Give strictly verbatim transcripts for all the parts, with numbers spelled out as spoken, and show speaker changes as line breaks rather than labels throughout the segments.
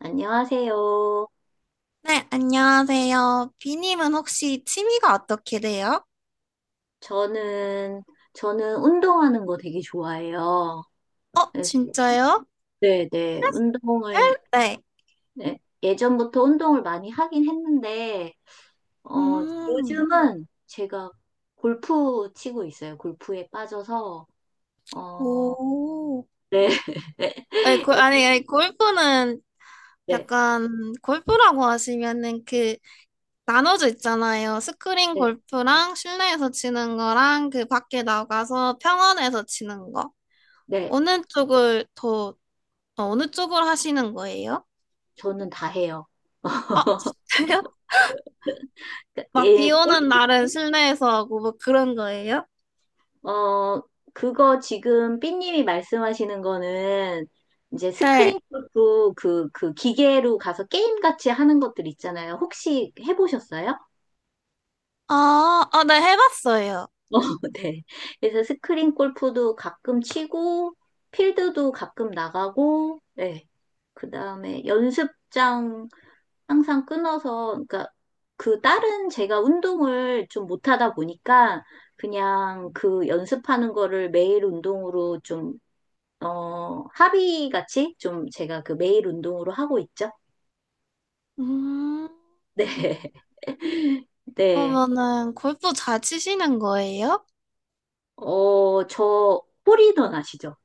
안녕하세요.
네, 안녕하세요. 비님은 혹시 취미가 어떻게 돼요?
저는, 저는 운동하는 거 되게 좋아해요.
어,
그래서-
진짜요?
네, 네. 운동을,
헬? 네.
네, 예전부터 운동을 많이 하긴 했는데, 어,
음,
요즘은 제가 골프 치고 있어요. 골프에 빠져서, 어,
오.
네,
아니, 고, 아니, 아니, 골프는
네,
약간, 골프라고 하시면은 그, 나눠져 있잖아요. 스크린
네,
골프랑 실내에서 치는 거랑 그 밖에 나가서 평원에서 치는 거.
네.
어느 쪽을 더, 어, 어느 쪽을 하시는 거예요?
저는 다 해요.
어, 진짜요?
그러니까
막 비
예,
오는 날은 실내에서 하고 뭐 그런 거예요?
어, 그거 지금 삐님이 말씀하시는 거는 이제 스크
네.
린 골프 그, 그 기계로 가서 게임같이 하는 것들 있잖아요. 혹시 해보셨어요?
아, 아, 네, 해봤어요.
어, 네. 그래서 스크린 골프도 가끔 치고, 필드도 가끔 나가고, 네. 그 다음에 연습장 항상 끊어서, 그러니까 그 다른 제가 운동을 좀 못하다 보니까 그냥 그 연습하는 거를 매일 운동으로 좀 어, 합의 같이 좀 제가 그 매일 운동으로 하고 있죠?
음,
네. 네.
그러면은 골프 잘 치시는 거예요?
어, 저 홀이던 아시죠?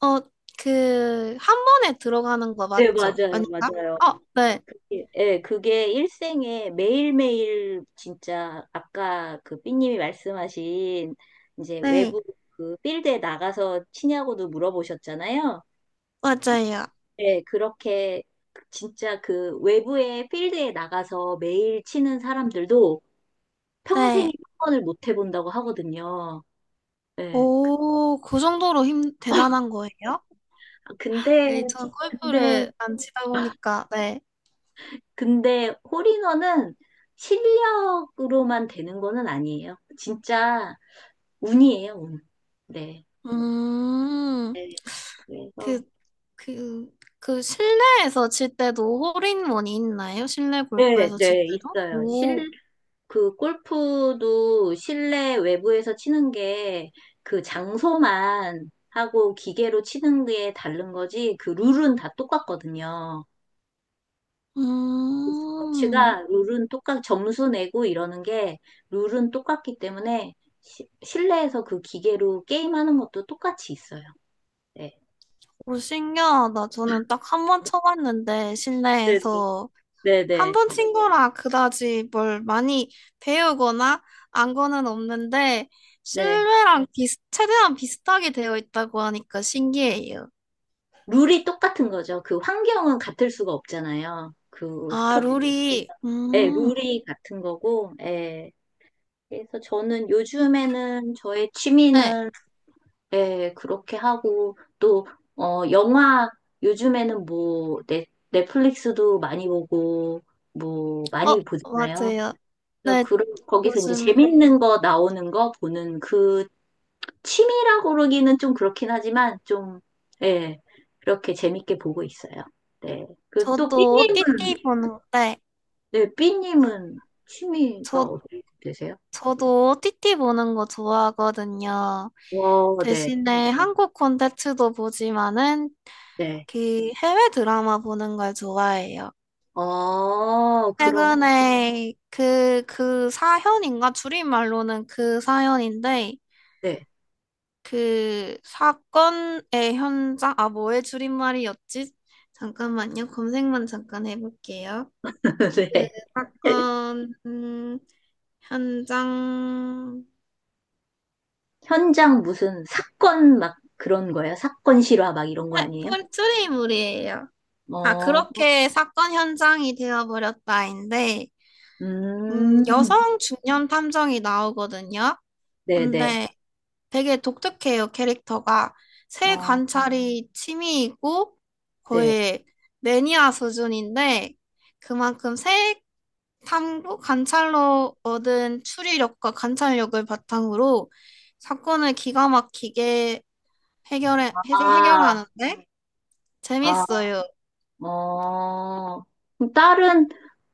어, 그, 한 번에 들어가는 거
네,
맞죠?
맞아요,
아닌가?
맞아요.
어, 네,
예, 예, 그게 일생에 매일매일 진짜 아까 그 삐님이 말씀하신 이제
네,
외부 그 필드에 나가서 치냐고도 물어보셨잖아요.
맞아요.
예, 그렇게 진짜 그 외부의 필드에 나가서 매일 치는 사람들도 평생에
네.
한 번을 못 해본다고 하거든요. 예.
오, 그 정도로 힘, 대단한 거예요?
아, 근데,
네, 전
근데,
골프를 안 치다 보니까, 네.
근데 홀인원은 실력으로만 되는 거는 아니에요. 진짜 운이에요, 운. 네.
음,
네.
그,
그래서,
그, 그 실내에서 칠 때도 홀인원이 있나요? 실내
네,
골프에서 칠
네,
때도?
있어요.
오,
실, 그 골프도 실내 외부에서 치는 게 그 장소만 하고 기계로 치는 게 다른 거지 그 룰은 다 똑같거든요.
음.
스포츠가 룰은 똑같, 점수 내고 이러는 게 룰은 똑같기 때문에 시- 실내에서 그 기계로 게임하는 것도 똑같이 있어요. 네.
오, 신기하다. 저는 딱 한 번 쳐봤는데,
네,
실내에서.
네,
한
네.
번 친 거라 그다지 뭘 많이 배우거나 안 거는 없는데,
네.
실내랑 비슷, 최대한 비슷하게 되어 있다고 하니까 신기해요.
룰이 똑같은 거죠. 그 환경은 같을 수가 없잖아요. 그
아,
스포츠
룰이,
자체가. 네,
음,
룰이 같은 거고, 예. 그래서 저는 요즘에는 저의
네.
취미는 네, 그렇게 하고, 또, 어, 영화, 요즘에는 뭐, 넷, 넷플릭스도 많이 보고, 뭐, 많이
어,
보잖아요.
맞아요.
그래서
네,
그, 거기서 이제
요즘
재밌는 거 나오는 거 보는 그 취미라고 그러기는 좀 그렇긴 하지만, 좀, 예, 그렇게 재밌게 보고 있어요. 네. 그, 또,
저도
삐님은,
오티티 보는데,
네, 삐님은 취미가
저,
어떻게 되세요?
저도 오티티 보는 거 좋아하거든요.
와, 네,
대신에 한국 콘텐츠도 보지만은
네.
특히 해외 드라마 보는 걸 좋아해요.
어, 그럼,
최근에 그, 그 사현인가? 줄임말로는 그 사연인데,
네.
그 사건의 현장, 아, 뭐의 줄임말이었지? 잠깐만요. 검색만 잠깐 해볼게요.
네.
사건, 음, 현장,
현장 무슨 사건 막 그런 거예요? 사건 실화 막 이런 거
네,
아니에요?
줄- 줄임말이에요. 아,
어,
그렇게 사건 현장이 되어버렸다인데, 음,
음,
여성 중년 탐정이 나오거든요.
네네.
근데 되게 독특해요, 캐릭터가. 새
어,
관찰이 취미이고
네.
거의 매니아 수준인데 그만큼 새 탐구 관찰로 얻은 추리력과 관찰력을 바탕으로 사건을 기가 막히게 해결해, 해-
아,
해결하는데
아,
재밌어요.
어. 그럼 딸은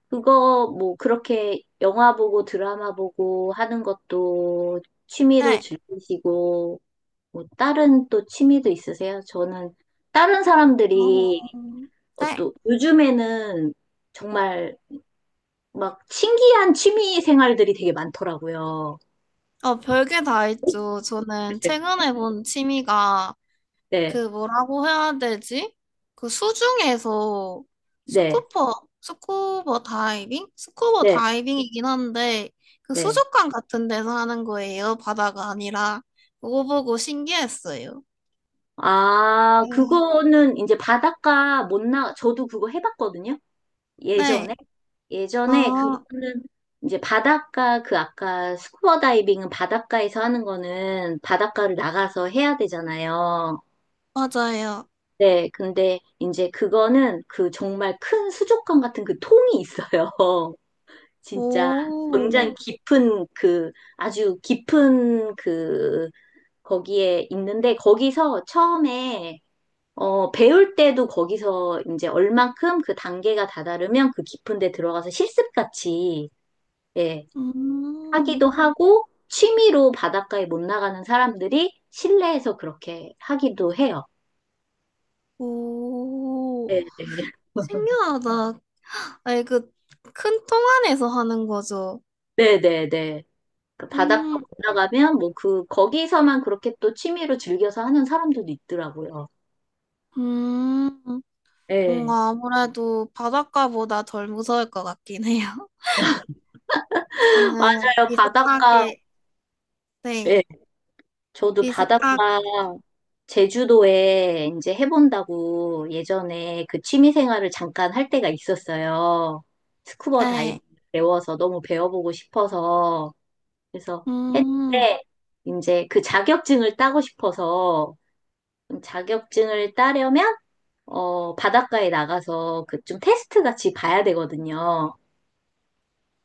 그거 뭐 그렇게 영화 보고 드라마 보고 하는 것도 취미로
네.
즐기시고, 뭐 다른 또 취미도 있으세요? 저는 다른
어,
사람들이 어,
네.
또 요즘에는 정말 막 신기한 취미 생활들이 되게 많더라고요.
어, 별게 다 있죠. 저는
네.
최근에 본 취미가
네,
그 뭐라고 해야 되지? 그 수중에서
네,
스쿠버, 스쿠버 다이빙? 스쿠버
네,
다이빙이긴 한데, 그
네.
수족관 같은 데서 하는 거예요. 바다가 아니라. 그거 보고 신기했어요.
아,
음.
그거는 이제 바닷가 못 나, 저도 그거 해봤거든요.
네.
예전에. 예전에
아,
그거는 이제 바닷가, 그 아까 스쿠버 다이빙은 바닷가에서 하는 거는 바닷가를 나가서 해야 되잖아요.
맞아요.
네, 근데 이제 그거는 그 정말 큰 수족관 같은 그 통이 있어요. 진짜
오,
굉장히 깊은 그 아주 깊은 그 거기에 있는데 거기서 처음에 어 배울 때도 거기서 이제 얼만큼 그 단계가 다다르면 그 깊은 데 들어가서 실습같이 예
음,
하기도 하고 취미로 바닷가에 못 나가는 사람들이 실내에서 그렇게 하기도 해요.
오,
네,
신기하다. 아니, 그, 큰 통 안에서 하는 거죠.
네, 네, 네. 그 바닷가
음,
못 나가면 뭐 그 거기서만 그렇게 또 취미로 즐겨서 하는 사람들도 있더라고요.
음.
예.
뭔가 아무래도 바닷가보다 덜 무서울 것 같긴 해요. 저는
맞아요. 바닷가,
비슷하게, 네,
예. 저도
비슷하게,
바닷가 제주도에 이제 해본다고 예전에 그 취미 생활을 잠깐 할 때가 있었어요. 스쿠버 다이빙 배워서 너무 배워보고 싶어서. 그래서
음,
했는데 이제 그 자격증을 따고 싶어서 자격증을 따려면 어, 바닷가에 나가서 그 좀 테스트 같이 봐야 되거든요.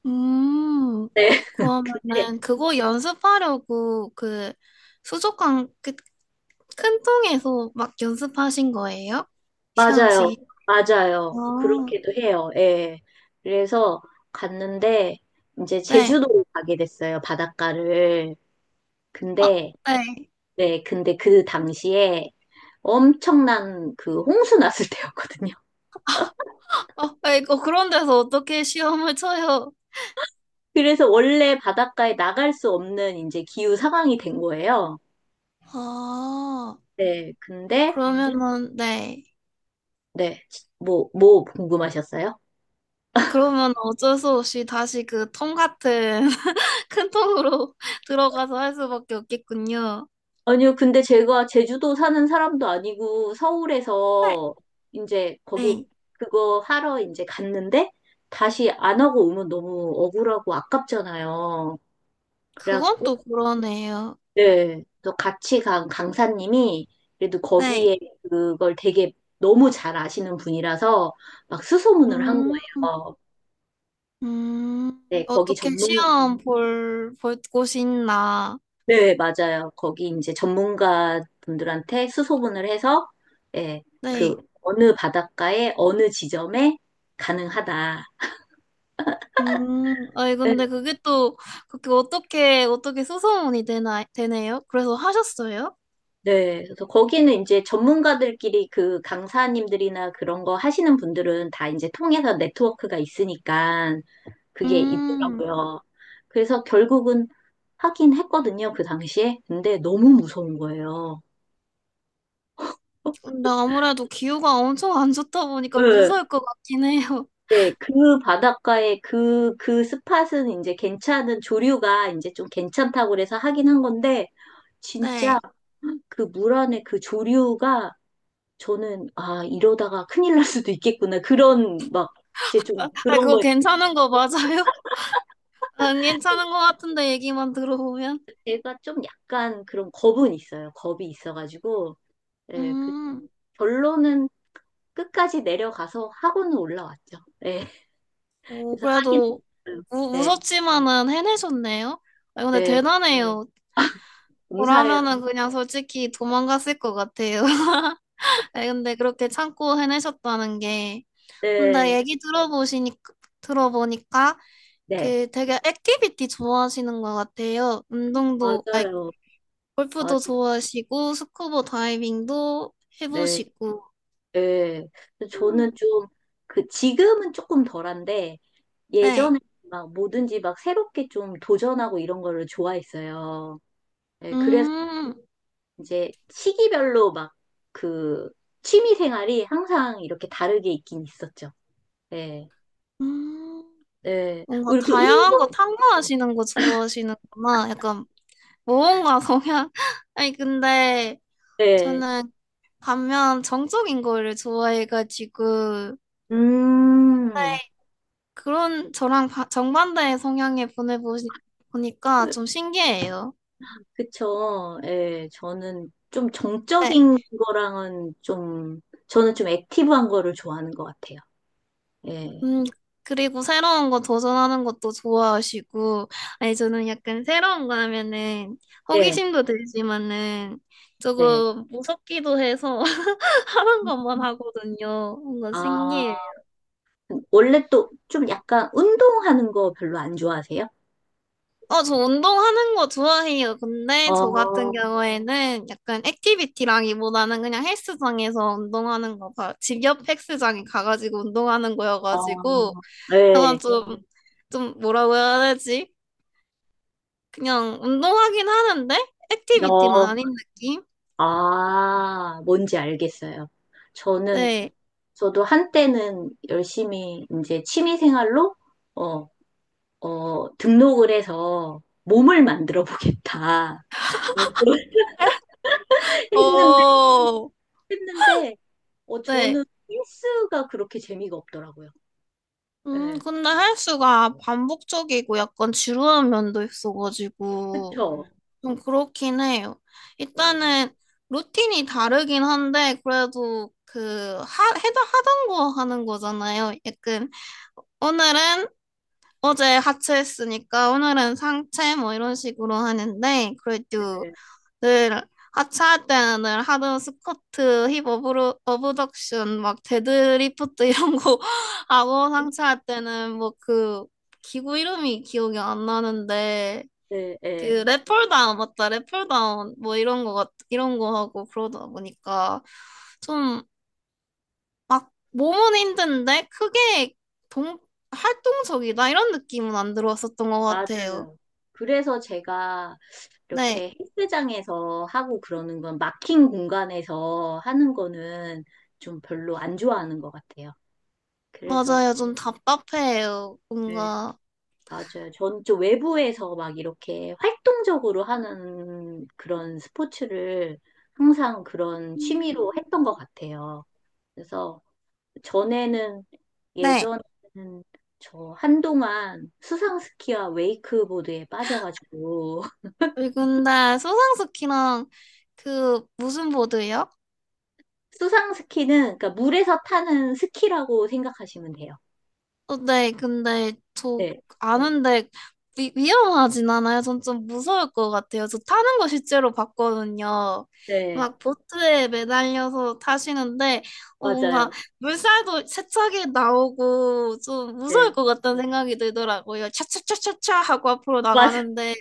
음,
네.
그러면은 그거 연습하려고 그 수족관 그 큰 통에서 막 연습하신 거예요? 시험
맞아요.
치기. 어,
맞아요. 그렇게도 해요. 예. 그래서 갔는데 이제
네.
제주도로 가게 됐어요. 바닷가를.
어,
근데
네.
네, 근데 그 당시에 엄청난 그 홍수 났을 때였거든요.
어, 네. 어, 그런 데서 어떻게 시험을 쳐요?
그래서 원래 바닷가에 나갈 수 없는 이제 기후 상황이 된 거예요.
아,
네, 근데
그러면은, 네.
네, 뭐 뭐 궁금하셨어요?
그러면 어쩔 수 없이 다시 그 통 같은 큰 통으로 들어가서 할 수밖에 없겠군요.
아니요, 근데 제가 제주도 사는 사람도 아니고
네,
서울에서 이제 거기
네.
그거 하러 이제 갔는데 다시 안 하고 오면 너무 억울하고 아깝잖아요.
그건
그래갖고,
또 그러네요.
네. 또 같이 간 강사님이 그래도
네.
거기에 그걸 되게 너무 잘 아시는 분이라서 막 수소문을 한
음,
거예요.
음,
네, 거기
어떻게
전문,
시험 볼, 볼 곳이 있나.
네, 맞아요. 거기 이제 전문가 분들한테 수소문을 해서, 예, 그
네.
어느 바닷가에 어느 지점에 가능하다.
음, 아니,
네,
근데 그게 또, 그게 어떻게, 어떻게 수소문이 되나, 되네요? 그래서 하셨어요?
네. 그래서 거기는 이제 전문가들끼리 그 강사님들이나 그런 거 하시는 분들은 다 이제 통해서 네트워크가 있으니까 그게
음,
있더라고요. 그래서 결국은 하긴 했거든요, 그 당시에. 근데 너무 무서운 거예요.
근데 아무래도 기후가 엄청 안 좋다 보니까
네.
무서울 것 같긴 해요.
네, 그 바닷가에 그, 그 스팟은 이제 괜찮은, 조류가 이제 좀 괜찮다고 그래서 하긴 한 건데, 진짜
네.
그 물 안에 그 조류가 저는, 아, 이러다가 큰일 날 수도 있겠구나. 그런, 막, 이제 좀
아,
그런
그거
거에,
괜찮은 거 맞아요? 안 괜찮은 거 같은데 얘기만 들어보면.
제가 좀 약간 그런 겁은 있어요. 겁이 있어가지고, 예, 그
음,
결론은 끝까지 내려가서 하고는 올라왔죠. 예,
뭐
그래서 하긴,
그래도
했어요.
무,
네,
무섭지만은 해내셨네요. 아, 근데 네.
네,
대단해요.
감사해요.
저라면은 음. 그냥 솔직히 도망갔을 것 같아요. 아, 근데 그렇게 참고 해내셨다는 게. 근데
네,
얘기 들어보시니까, 들어보니까
네,
그 되게 액티비티 좋아하시는 것 같아요. 운동도, 아니,
맞아요.
골프도
맞아요.
좋아하시고, 스쿠버 다이빙도
네, 네.
해보시고.
그래서
음,
저는 좀, 그, 지금은 조금 덜한데,
네.
예전에 막 뭐든지 막 새롭게 좀 도전하고 이런 거를 좋아했어요. 네, 그래서
음,
이제 시기별로 막 그, 취미 생활이 항상 이렇게 다르게 있긴 있었죠. 네,
음,
네.
뭔가
뭐 이렇게
다양한 거
운동,
탐구하시는 거 좋아하시는구나. 약간 모험가 성향. 아니, 근데
네.
저는 반면 정적인 거를 좋아해가지고,
음,
네, 그런 저랑 바- 정반대의 성향에 보내보시, 보니까 좀 신기해요.
그쵸. 예, 저는 좀
네,
정적인 거랑은 좀, 저는 좀 액티브한 거를 좋아하는 것 같아요. 예.
음, 그리고 새로운 거 도전하는 것도 좋아하시고, 아니, 저는 약간 새로운 거 하면은
네,
호기심도 들지만은
네.
조금 무섭기도 해서 하는 것만 하거든요. 뭔가 신기해요.
아, 원래 또 좀 약간 운동하는 거 별로 안 좋아하세요?
어, 저 운동하는 거 좋아해요.
어,
근데 저 같은
어,
경우에는 약간 액티비티라기보다는 그냥 헬스장에서 운동하는 거, 봐. 집 옆 헬스장에 가가지고 운동하는 거여가지고, 약간
네,
좀, 좀 뭐라고 해야 되지? 그냥 운동하긴 하는데, 액티비티는
너,
아닌 느낌?
아, 뭔지 알겠어요. 저는,
네.
저도 한때는 열심히 이제 취미 생활로, 어, 어, 등록을 해서 몸을 만들어 보겠다. 했는데,
어,
했는데, 어,
네.
저는 헬스가 그렇게 재미가 없더라고요.
음,
예.
근데 헬스가 반복적이고 약간 지루한 면도 있어가지고,
그쵸?
좀 그렇긴 해요.
예,
일단은 루틴이 다르긴 한데 그래도 그 하, 해다 하던 거 하는 거잖아요. 약간 오늘은 어제 하체 했으니까 오늘은 상체 뭐 이런 식으로 하는데 그래도
예,
늘 하체할 때는 늘 하던 스쿼트, 힙 어브로, 어브덕션, 막 데드리프트 이런 거 하고 상체할 때는 뭐 그 기구 이름이 기억이 안 나는데
예, 예.
그랩플다운 맞다 랩플다운 뭐 이런 거 같, 이런 거 하고 그러다 보니까 좀 막 몸은 힘든데 크게 동 활동적이다 이런 느낌은 안 들어왔었던 것 같아요.
맞아요. 그래서 제가
네,
이렇게 헬스장에서 하고 그러는 건 막힌 공간에서 하는 거는 좀 별로 안 좋아하는 것 같아요. 그래서,
맞아요. 좀 답답해요
네,
뭔가.
맞아요. 전 좀 외부에서 막 이렇게 활동적으로 하는 그런 스포츠를 항상 그런 취미로 했던 것 같아요. 그래서 전에는
네.
예전에는 저 한동안 수상스키와 웨이크보드에 빠져가지고
그 근데 소상스키랑 그 무슨 보드요?
수상 스키는 그러니까 물에서 타는 스키라고 생각하시면 돼요.
어, 네, 근데 저
네,
아는데 위, 위험하진 않아요. 전 좀 무서울 것 같아요. 저 타는 거 실제로 봤거든요.
네,
막 보트에 매달려서 타시는데 어, 뭔가
맞아요.
물살도 세차게 나오고 좀 무서울
네,
것 같다는 생각이 들더라고요. 차차차차차 하고 앞으로
맞아.
나가는데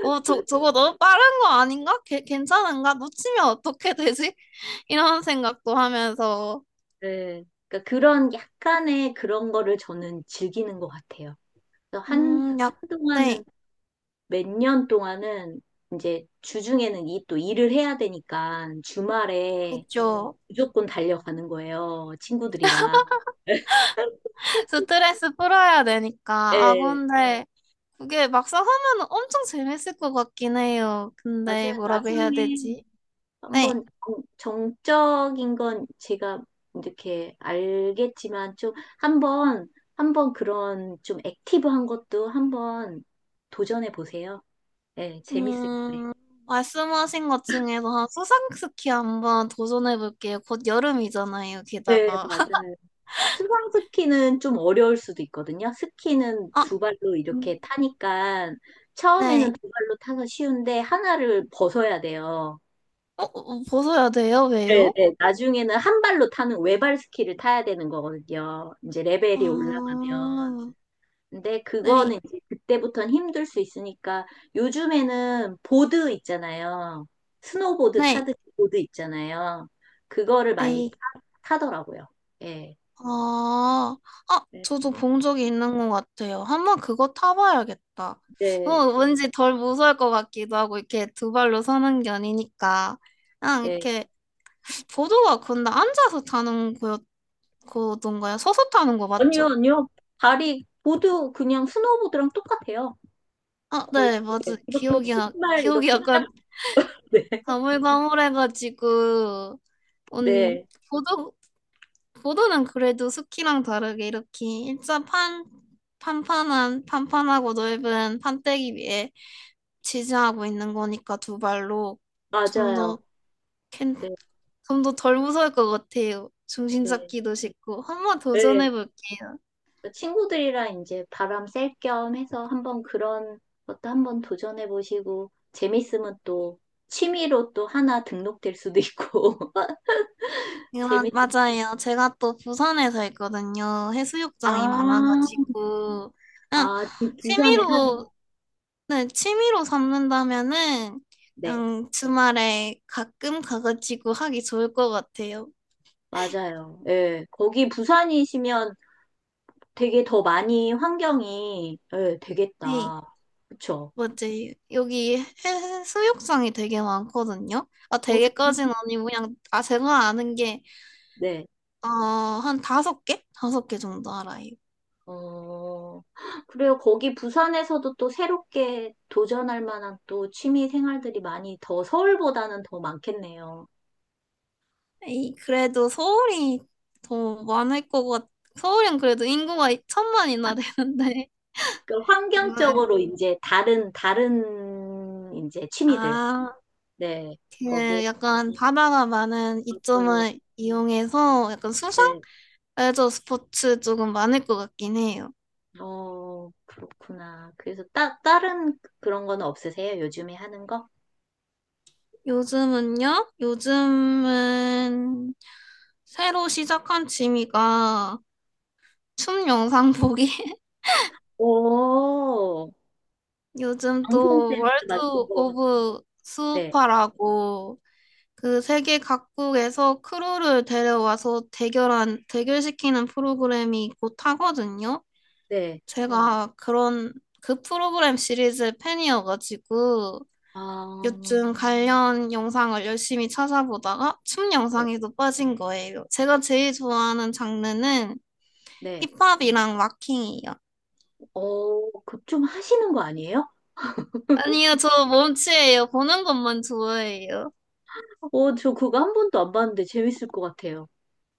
어, 저, 저거 너무 빠른 거 아닌가? 괜- 괜찮은가? 놓치면 어떻게 되지? 이런 생각도 하면서
네, 그러니까 그런 약간의 그런 거를 저는 즐기는 것 같아요. 그래서 한
음, 약, 네,
한동안은 몇 년 동안은 이제 주중에는 이 또 일을 해야 되니까 주말에
그죠.
무조건 달려가는 거예요. 친구들이랑.
스트레스 풀어야 되니까. 아,
예.
근데 네. 그게 막상 하면 엄청 재밌을 것 같긴 해요.
나중에
근데 뭐라고 해야
나중에
되지? 네.
한번 정- 정적인 건 제가 이렇게 알겠지만 좀 한번 한번 그런 좀 액티브한 것도 한번 도전해 보세요. 네, 재밌을 거예요.
음, 말씀하신 것 중에서 한 수상스키 한번 도전해 볼게요. 곧 여름이잖아요,
네,
게다가.
맞아요. 수상 스키는 좀 어려울 수도 있거든요. 스키는
아,
두 발로
음.
이렇게 타니까
네.
처음에는 두 발로 타서 쉬운데 하나를 벗어야 돼요.
어, 어, 벗어야 돼요?
네,
왜요?
네. 나중에는 한 발로 타는 외발 스키를 타야 되는 거거든요. 이제 레벨이 올라가면.
아,
근데
네.
그거는 이제 그때부터는 힘들 수 있으니까 요즘에는 보드 있잖아요. 스노보드
네.
타듯이 보드 있잖아요. 그거를 많이
네.
타, 더라고요 예.
아, 아,
네,
저도 본 적이 있는 것 같아요. 한번 그거 타봐야겠다. 어,
네.
왠지 덜 무서울 것 같기도 하고, 이렇게 두 발로 서는 게 아니니까. 그냥
네.
이렇게, 보도가 근데 앉아서 타는 거였던가요? 서서 타는 거
아니요,
맞죠?
아니요. 발이 보드 그냥 스노보드랑 똑같아요.
아,
거의
네, 맞아요.
예, 이렇게
기억이, 나-
신발
기억이
이렇게
약간
딱 네.
가물가물해가지고, 온
네.
보도, 보도는 그래도 스키랑 다르게 이렇게 일자 판, 판판한, 판판하고 넓은 판때기 위에 지지하고 있는 거니까 두 발로 좀
맞아요.
더 캔,
네.
좀 더 덜 무서울 것 같아요. 중심
네.
잡기도 쉽고 한번
네.
도전해 볼게요.
그 친구들이랑 이제 바람 쐴 겸 해서 한번 그런 것도 한번 도전해 보시고 재밌으면 또 취미로 또 하나 등록될 수도 있고 재밌
맞아요. 제가 또 부산에 살거든요. 해수욕장이
아,
많아가지고 그냥
아 부- 부산에 사세요.
취미로 네, 취미로 삼는다면은
네.
그냥 주말에 가끔 가가지고 하기 좋을 것 같아요.
맞아요. 예. 거기 부산이시면 되게 더 많이 환경이 예,
네.
되겠다. 그쵸?
뭐지? 여기 해- 수욕장이 되게 많거든요. 아,
어, 좋-
되게까지는 아니고 그냥 아 제가 아는 게
네.
어, 한 다섯 개? 다섯 개 정도 알아요.
어, 그래요. 거기 부산에서도 또 새롭게 도전할 만한 또 취미 생활들이 많이 더 서울보다는 더 많겠네요.
에이, 그래도 서울이 더 많을 것 같. 서울은 그래도 인구가 천만이나 되는데.
그
네.
환경적으로 이제 다른, 다른 이제 취미들.
아,
네. 거기에
그 약간 바다가 많은
있어요.
이점을 이용해서 약간 수상?
네.
레저 스포츠 조금 많을 것 같긴 해요.
어, 그렇구나. 그래서 따, 다른 그런 건 없으세요? 요즘에 하는 거?
요즘은요? 요즘은 새로 시작한 취미가 춤 영상 보기.
오,
요즘
방송
또
댄스
월드
막 이런 거.
오브
네.
수우파라고 그 세계 각국에서 크루를 데려와서 대결한, 대결시키는 프로그램이 곧 하거든요. 네.
네.
제가 그런 그 프로그램 시리즈 팬이어가지고
아,
요즘 관련 영상을 열심히 찾아보다가 춤
네.
영상에도 빠진 거예요. 제가 제일 좋아하는 장르는
네.
힙합이랑 락킹이에요.
어, 그 좀 하시는 거 아니에요?
아니요, 저 몸치예요. 보는 것만 좋아해요.
어, 저 그거 한 번도 안 봤는데 재밌을 것 같아요.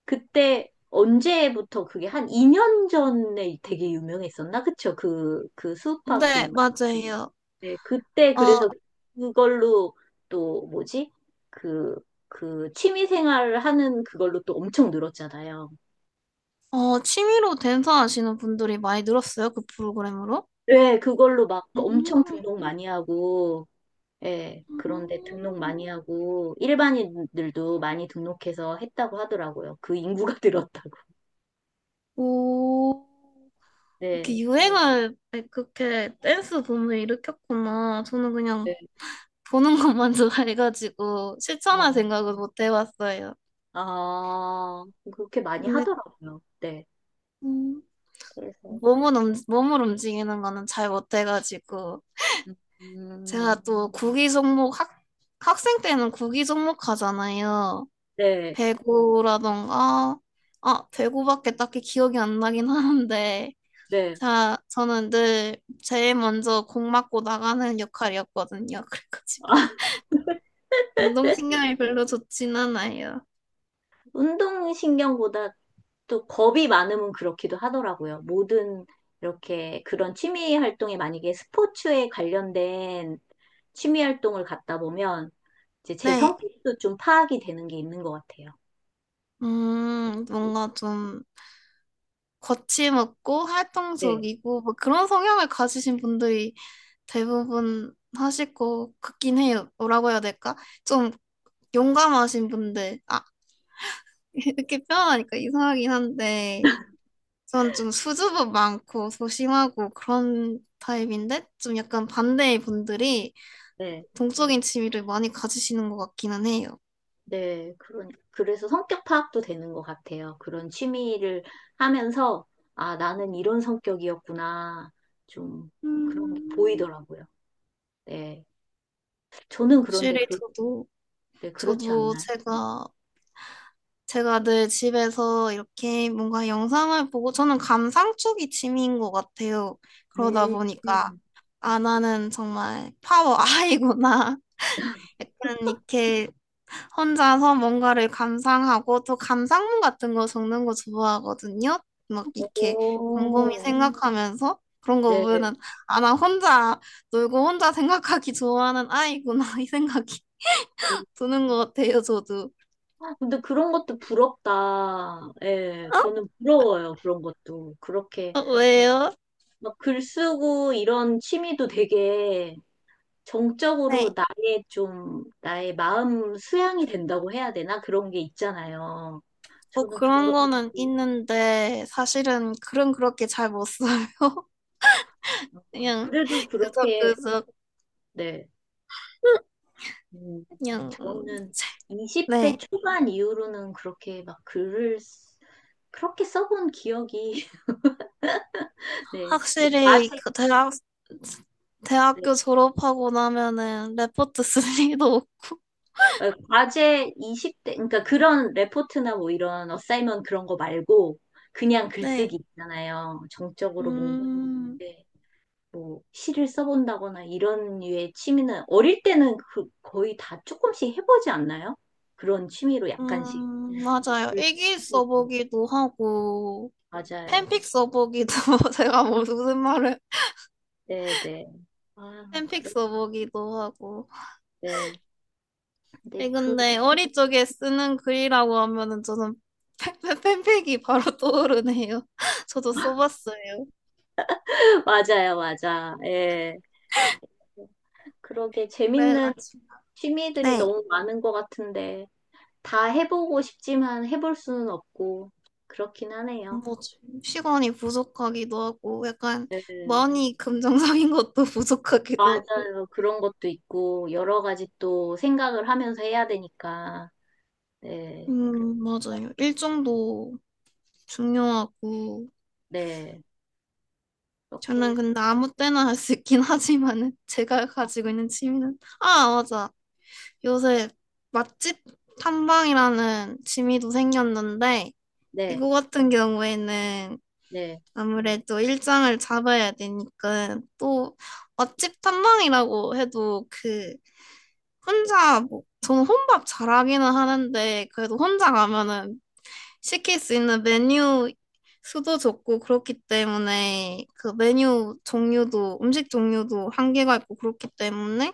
그때 언제부터 그게 한 이 년 전에 되게 유명했었나? 그쵸? 그, 그 수우파 그,
네, 맞아요.
네, 그때
어,
그래서 그걸로 또 뭐지? 그, 그 취미생활 하는 그걸로 또 엄청 늘었잖아요.
어, 취미로 댄서 하시는 분들이 많이 늘었어요, 그 프로그램으로.
네, 그걸로 막 엄청
음,
등록 많이 하고, 예, 그런데 등록
음.
많이 하고, 일반인들도 많이 등록해서 했다고 하더라고요. 그 인구가 늘었다고.
오, 이렇게
네.
유행을 그렇게 댄스 붐을 일으켰구나. 저는 그냥
네.
보는 것만 좋아해가지고 실천할
어.
생각은 못 해봤어요.
아, 그렇게 많이
근데
하더라고요. 네.
음,
그래서
몸은, 움- 몸을 움직이는 거는 잘 못해가지고.
음,
제가 또 구기 종목 학, 학생 때는 구기 종목 하잖아요.
네,
배구라던가, 아, 배구밖에 딱히 기억이 안 나긴 하는데,
네.
자, 저는 늘 제일 먼저 공 맞고 나가는 역할이었거든요. 그래가지고. 운동신경이 별로 좋진 않아요.
운동신경보다 또 겁이 많으면 그렇기도 하더라고요. 모든 이렇게 그런 취미 활동에 만약에 스포츠에 관련된 취미 활동을 갖다 보면 이제 제
네.
성격도 좀 파악이 되는 게 있는 것 같아요.
음, 뭔가 좀 거침없고
네,
활동적이고, 뭐 그런 성향을 가지신 분들이 대부분 하실 것 같긴 해요. 뭐라고 해야 될까? 좀 용감하신 분들, 아, 이렇게 표현하니까 이상하긴 한데, 전 좀 수줍음 많고 소심하고 그런 타입인데, 좀 약간 반대의 분들이
네.
동적인 취미를 많이 가지시는 것 같기는 해요.
네, 그런, 그래서 성격 파악도 되는 것 같아요. 그런 취미를 하면서, 아, 나는 이런 성격이었구나. 좀, 그런 게
음,
보이더라고요. 네. 저는 그런데,
확실히
그,
저도,
네, 그렇지
저도
않나요?
제가, 제가 늘 집에서 이렇게 뭔가 영상을 보고, 저는 감상 쪽이 취미인 것 같아요. 그러다
음.
보니까,
음.
아, 나는 정말 파워 아이구나. 약간 이렇게 혼자서 뭔가를 감상하고 또 감상문 같은 거 적는 거 좋아하거든요. 막 이렇게 곰곰이
오,
생각하면서 그런 거
네.
보면은 아, 나 혼자 놀고 혼자 생각하기 좋아하는 아이구나 이 생각이 드는 것 같아요, 저도.
근데 그런 것도 부럽다. 예, 저는 부러워요. 그런 것도. 그렇게,
어, 왜요?
막 글 쓰고 이런 취미도 되게 정적으로
네.
나의 좀, 나의 마음 수양이 된다고 해야 되나? 그런 게 있잖아요.
뭐
저는 그런
그런
것도,
거는
있고.
있는데 사실은 글은 그렇게 잘 못 써요. 그냥
그래도
그저
그렇게,
그저
네. 음,
그냥 음,
저는
책. 네.
이십 대 초반 이후로는 그렇게 막 글을, 쓰- 그렇게 써본 기억이, 네. 뭐
확실히
과제,
그 대학
네.
대학교 졸업하고 나면은 레포트 쓸 일도 없고.
어, 과제 이십 대, 그러니까 그런 레포트나 뭐 이런 어사이먼 그런 거 말고, 그냥 글쓰기
네.
있잖아요. 정적으로 뭔가.
음,
네. 뭐 시를 써본다거나 이런 류의 취미는 어릴 때는 그 거의 다 조금씩 해보지 않나요? 그런 취미로 약간씩.
음, 맞아요. 일기 써보기도 하고,
맞아요.
팬픽 써보기도, 제가 뭐 무슨 말을,
네네. 아, 그
팬픽
럼
써보기도 하고.
네. 근데
예,
그,
근데
이후에-
어릴 적에 쓰는 글이라고 하면은 저는 팬- 팬- 팬픽이 바로 떠오르네요. 저도 써봤어요.
맞아요, 맞아. 예. 그러게 재밌는
그래가지고.
취미들이
네.
너무 많은 것 같은데, 다 해보고 싶지만 해볼 수는 없고, 그렇긴 하네요.
뭐지? 시간이 부족하기도 하고, 약간
네.
많이 긍정적인 것도 부족하기도 하고.
맞아요. 그런 것도 있고, 여러 가지 또 생각을 하면서 해야 되니까. 네,
음, 맞아요. 일정도 중요하고,
네, 이렇게,
저는
해서-
근데 아무 때나 할 수 있긴 하지만은, 제가 가지고 있는 취미는, 아, 맞아. 요새 맛집 탐방이라는 취미도 생겼는데,
네,
이거 같은 경우에는
네,
아무래도 일정을 잡아야 되니까, 또 맛집 탐방이라고 해도 그, 혼자 뭐, 저는 혼밥 잘하기는 하는데 그래도 혼자 가면은 시킬 수 있는 메뉴 수도 적고 그렇기 때문에 그 메뉴 종류도 음식 종류도 한계가 있고 그렇기 때문에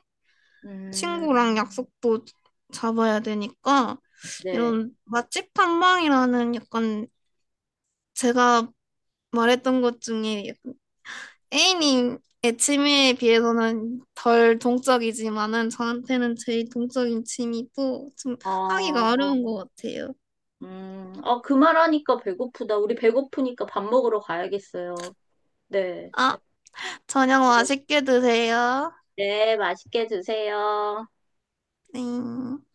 음,
친구랑 약속도 잡아야 되니까
네,
이런 맛집 탐방이라는 약간 제가 말했던 것 중에 A님 의 취미에 비해서는 덜 동적이지만은 저한테는 제일 동적인 취미고 좀
어,
하기가 어려운 것 같아요.
음, 어, 그 말하니까 배고프다. 우리 배고프니까 밥 먹으러 가야겠어요. 네,
아, 저녁
네,
맛있게 드세요.
네, 맛있게 드세요.
네.